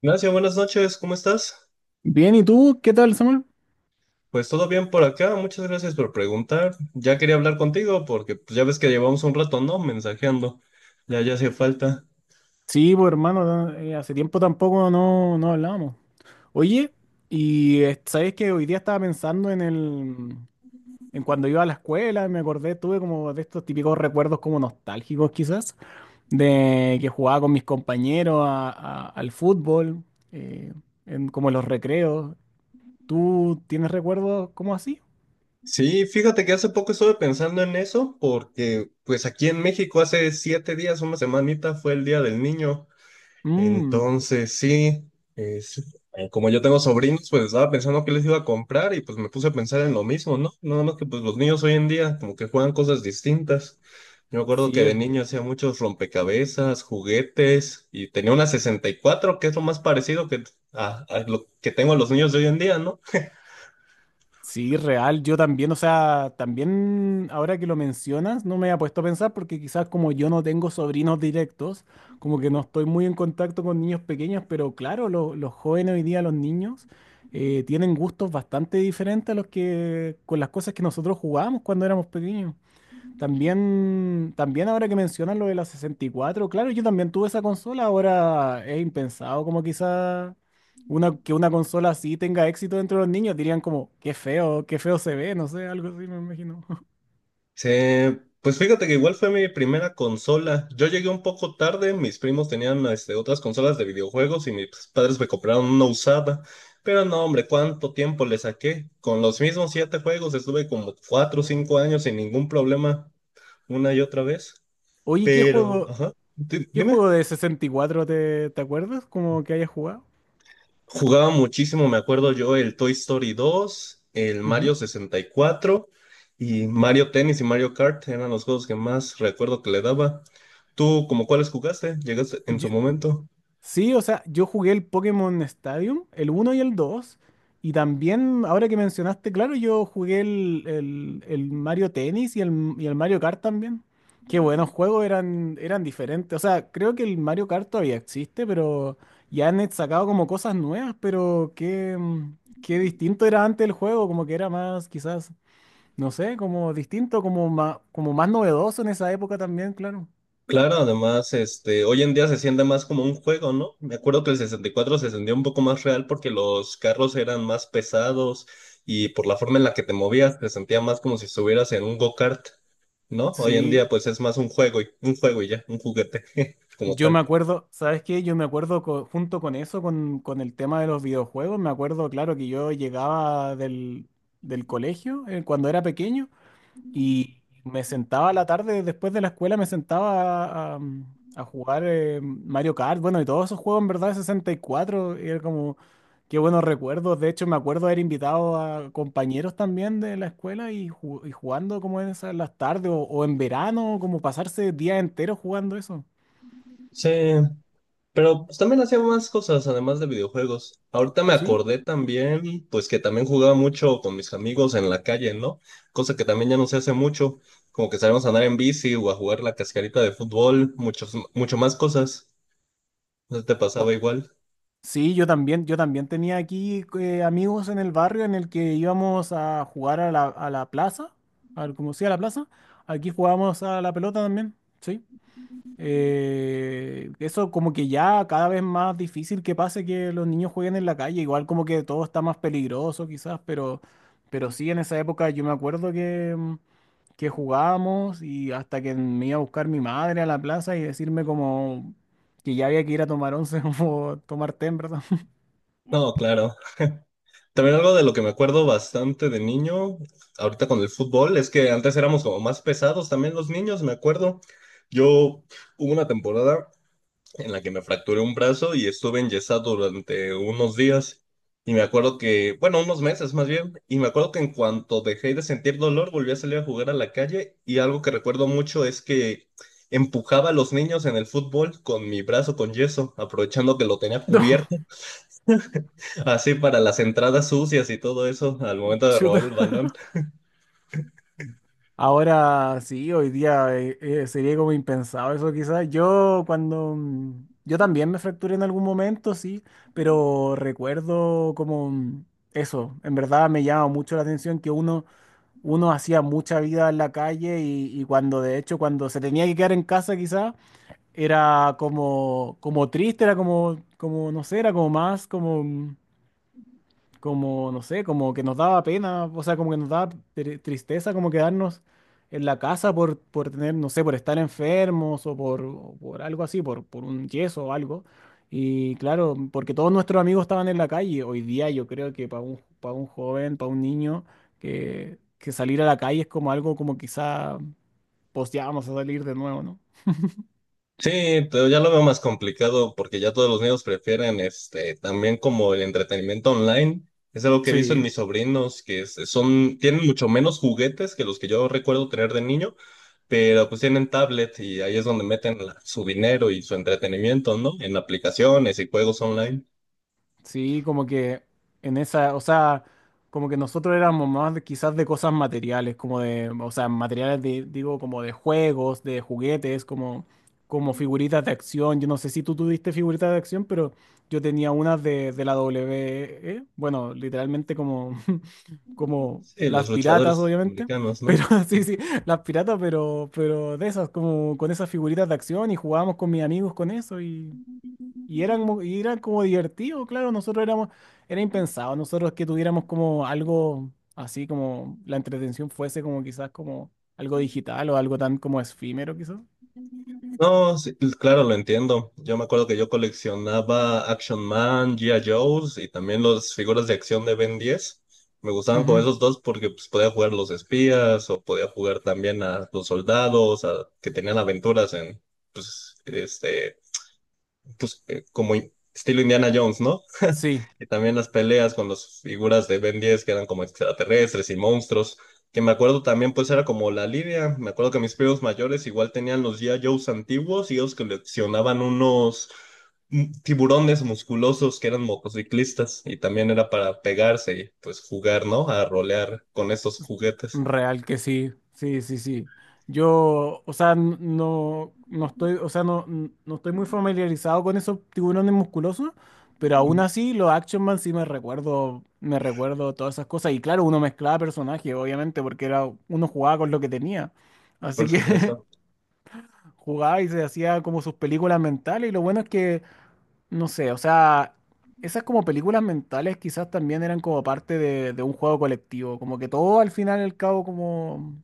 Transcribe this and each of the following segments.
Ignacio, buenas noches, ¿cómo estás? Bien, ¿y tú? ¿Qué tal, Samuel? Pues todo bien por acá, muchas gracias por preguntar. Ya quería hablar contigo porque pues, ya ves que llevamos un rato, ¿no? Mensajeando. Ya, ya hacía falta. Sí, pues hermano, no, hace tiempo tampoco no hablábamos. Oye, y sabes que hoy día estaba pensando en cuando iba a la escuela, me acordé, tuve como de estos típicos recuerdos como nostálgicos quizás, de que jugaba con mis compañeros al fútbol, eh, en, como en los recreos. ¿Tú tienes recuerdos como así? Sí, fíjate que hace poco estuve pensando en eso porque pues aquí en México hace 7 días, una semanita, fue el Día del Niño. Mm, Entonces, sí, es- como yo tengo sobrinos, pues estaba pensando qué les iba a comprar y pues me puse a pensar en lo mismo, ¿no? Nada más que pues los niños hoy en día como que juegan cosas distintas. Yo me acuerdo sí, que de es. niño hacía muchos rompecabezas, juguetes y tenía una 64 que es lo más parecido que, a lo que tengo a los niños de hoy en día, ¿no? Sí, real. Yo también, o sea, también ahora que lo mencionas, no me había puesto a pensar porque quizás como yo no tengo sobrinos directos, como que no estoy muy en contacto con niños pequeños, pero claro, los jóvenes hoy día, los niños, tienen gustos bastante diferentes a los que con las cosas que nosotros jugábamos cuando éramos pequeños. También, también ahora que mencionas lo de la sesenta y cuatro, claro, yo también tuve esa consola, ahora es impensado como quizá que una consola así tenga éxito dentro de los niños, dirían como, qué feo se ve, no sé, algo así me imagino. Sí, pues fíjate que igual fue mi primera consola. Yo llegué un poco tarde, mis primos tenían este, otras consolas de videojuegos y mis padres me compraron una usada. Pero no, hombre, ¿cuánto tiempo le saqué? Con los mismos siete juegos estuve como 4 o 5 años sin ningún problema una y otra vez. Oye, Pero, ajá, ¿qué dime. juego de 64 te acuerdas? Como que hayas jugado. Jugaba muchísimo, me acuerdo yo, el Toy Story 2, el Ujú. Mario 64 y Mario Tennis y Mario Kart eran los juegos que más recuerdo que le daba. ¿Tú como cuáles jugaste? ¿Llegaste en su Yo, momento? Sí, o sea, yo jugué el Pokémon Stadium, el uno y el dos, y también, ahora que mencionaste, claro, yo jugué el Mario Tennis y el Mario Kart también. Qué buenos juegos, eran, eran diferentes. O sea, creo que el Mario Kart todavía existe, pero ya han sacado como cosas nuevas, pero qué, qué distinto era antes el juego, como que era más, quizás, no sé, como distinto, como más novedoso en esa época también, claro. Claro, además, este, hoy en día se siente más como un juego, ¿no? Me acuerdo que el 64 se sentía un poco más real porque los carros eran más pesados y por la forma en la que te movías te sentía más como si estuvieras en un go-kart, ¿no? Hoy en día Sí. pues es más un juego y ya, un juguete como Yo tal. me acuerdo, ¿sabes qué? Yo me acuerdo junto con eso, con el tema de los videojuegos, me acuerdo, claro, que yo llegaba del colegio, cuando era pequeño y me sentaba a la tarde después de la escuela, me sentaba a jugar, Mario Kart, bueno, y todos esos juegos en verdad de 64, y cuatro, y era como, qué buenos recuerdos, de hecho me acuerdo haber invitado a compañeros también de la escuela y, y jugando como en esas las tardes o en verano, como pasarse días enteros jugando eso, Sí, pero pues también hacía más cosas además de videojuegos. Ahorita me ¿sí? acordé también, pues que también jugaba mucho con mis amigos en la calle, ¿no? Cosa que también ya no se hace mucho, como que sabemos andar en bici o a jugar la cascarita de fútbol, mucho más cosas. ¿No te pasaba igual? Sí, yo también tenía aquí amigos en el barrio en el que íbamos a jugar a la plaza, al, como sea la plaza, aquí jugábamos a la pelota también, sí. Eso como que ya cada vez más difícil que pase que los niños jueguen en la calle, igual como que todo está más peligroso quizás, pero sí en esa época yo me acuerdo que, que jugábamos y hasta que me iba a buscar mi madre a la plaza y decirme como que ya había que ir a tomar once o tomar té, en ¿verdad? No, claro. También algo de lo que me acuerdo bastante de niño, ahorita con el fútbol, es que antes éramos como más pesados también los niños, me acuerdo. Yo hubo una temporada en la que me fracturé un brazo y estuve enyesado durante unos días. Y me acuerdo que, bueno, unos meses más bien, y me acuerdo que en cuanto dejé de sentir dolor, volví a salir a jugar a la calle y algo que recuerdo mucho es que empujaba a los niños en el fútbol con mi brazo con yeso, aprovechando que lo tenía No, cubierto. Así para las entradas sucias y todo eso al momento de robar chuta. el balón. Ahora sí, hoy día sería como impensado eso quizás. Yo cuando... yo también me fracturé en algún momento, sí, pero recuerdo como eso. En verdad me llama mucho la atención que uno, uno hacía mucha vida en la calle y cuando de hecho cuando se tenía que quedar en casa quizás era como, como triste, era como, como, no sé, era como más como... como, no sé, como que nos daba pena, o sea, como que nos daba tristeza como quedarnos en la casa por tener, no sé, por estar enfermos o por algo así, por un yeso o algo. Y claro, porque todos nuestros amigos estaban en la calle. Hoy día yo creo que para para un joven, para un niño, que salir a la calle es como algo como quizá, pues ya vamos a salir de nuevo, ¿no? Sí, pero ya lo veo más complicado porque ya todos los niños prefieren este también como el entretenimiento online. Es algo que he visto en Sí. mis sobrinos que son tienen mucho menos juguetes que los que yo recuerdo tener de niño, pero pues tienen tablet y ahí es donde meten su dinero y su entretenimiento, ¿no? En aplicaciones y juegos online. Sí, como que o sea, como que nosotros éramos más quizás de cosas materiales, como de, o sea, materiales de, digo, como de juegos, de juguetes, como, como figuritas de acción. Yo no sé si tú tuviste figuritas de acción, pero yo tenía unas de la WWE, bueno, literalmente como, como Sí, las los piratas, luchadores obviamente, americanos, ¿no? pero sí, sí, las piratas, pero de esas, como con esas figuritas de acción, y jugábamos con mis amigos con eso, y eran, y eran como divertidos, claro, nosotros éramos, era impensado, nosotros que tuviéramos como algo así como la entretención fuese como quizás como algo digital o algo tan como efímero quizás. No, sí, pues, claro, lo entiendo. Yo me acuerdo que yo coleccionaba Action Man, G.I. Joes y también las figuras de acción de Ben 10. Me gustaban con Ujú. esos dos porque pues, podía jugar los espías o podía jugar también a los soldados que tenían aventuras en, pues, este, pues, como estilo Indiana Jones, ¿no? Sí. Y también las peleas con las figuras de Ben 10 que eran como extraterrestres y monstruos, que me acuerdo también pues era como la lidia, me acuerdo que mis primos mayores igual tenían los G.I. Joes antiguos y ellos coleccionaban unos tiburones musculosos que eran motociclistas y también era para pegarse y pues jugar, ¿no? A rolear con esos juguetes, Real que sí, sí, sí, sí. O sea, no, no estoy, o sea, no, no estoy muy familiarizado con esos tiburones musculosos, pero aún así los Action Man sí me recuerdo todas esas cosas. Y claro, uno mezclaba personajes, obviamente, porque era, uno jugaba con lo que tenía. Así por que supuesto, jugaba y se hacía como sus películas mentales. Y lo bueno es que, no sé, o sea, esas como películas mentales quizás también eran como parte de un juego colectivo, como que todo al final y al cabo como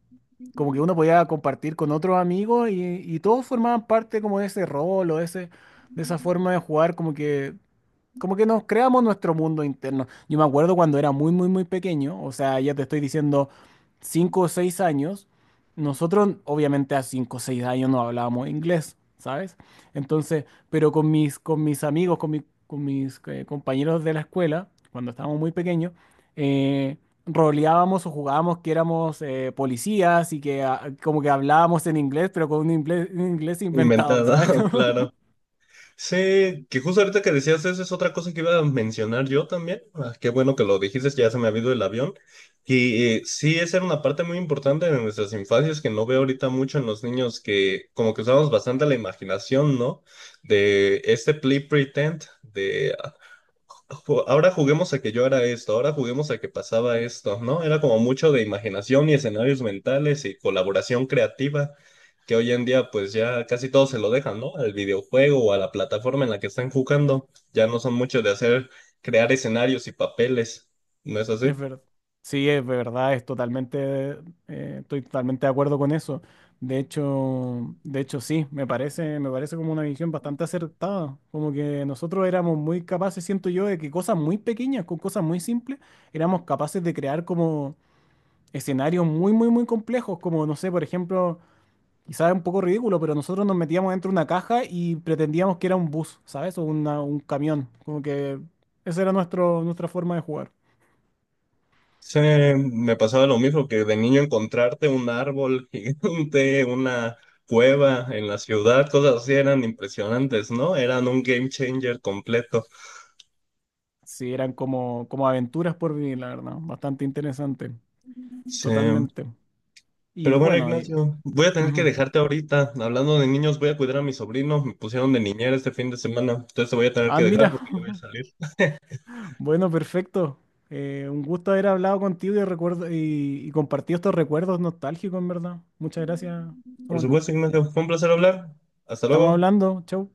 que uno podía compartir con otros amigos, y todos formaban parte como de ese rol o de ese, de esa forma de jugar, como que nos creamos nuestro mundo interno. Yo me acuerdo cuando era muy, muy, muy pequeño, o sea, ya te estoy diciendo 5 o 6 años, nosotros obviamente a 5 o 6 años no hablábamos inglés, ¿sabes? Entonces, pero con mis amigos, con mis compañeros de la escuela, cuando estábamos muy pequeños, eh, roleábamos o jugábamos que éramos policías y que ah, como que hablábamos en inglés, pero con un inglés inventado, inventada, ¿sabes? claro. Sí, que justo ahorita que decías eso es otra cosa que iba a mencionar yo también. Ah, qué bueno que lo dijiste, ya se me ha ido el avión. Y sí, esa era una parte muy importante de nuestras infancias que no veo ahorita mucho en los niños, que como que usamos bastante la imaginación, ¿no? De este play pretend, de ah, ahora juguemos a que yo era esto, ahora juguemos a que pasaba esto, ¿no? Era como mucho de imaginación y escenarios mentales y colaboración creativa que hoy en día pues ya casi todos se lo dejan, ¿no? Al videojuego o a la plataforma en la que están jugando. Ya no son muchos de hacer, crear escenarios y papeles, ¿no es así? Es verdad. Sí, es verdad, es totalmente, estoy totalmente de acuerdo con eso. De hecho sí, me parece como una visión bastante acertada. Como que nosotros éramos muy capaces, siento yo, de que cosas muy pequeñas, con cosas muy simples, éramos capaces de crear como escenarios muy, muy, muy complejos. Como, no sé, por ejemplo, quizás es un poco ridículo, pero nosotros nos metíamos dentro de una caja y pretendíamos que era un bus, ¿sabes? O un camión. Como que esa era nuestro, nuestra forma de jugar. Sí, me pasaba lo mismo que de niño encontrarte un árbol gigante, una cueva en la ciudad, cosas así eran impresionantes, ¿no? Eran un game changer completo. Sí, eran como, como aventuras por vivir, la verdad. Bastante interesante. Sí. Totalmente. Y Pero bueno, bueno, y- Ignacio, voy a tener que ujú. dejarte ahorita. Hablando de niños, voy a cuidar a mi sobrino. Me pusieron de niñera este fin de semana, entonces te voy a tener Ah, que dejar mira. porque yo voy a salir. Bueno, perfecto. Un gusto haber hablado contigo y, recuerdo, y compartido estos recuerdos nostálgicos, en verdad. Muchas gracias, Por Samuel. supuesto, Ignacio, fue un placer hablar. Hasta Estamos luego. hablando. Chau.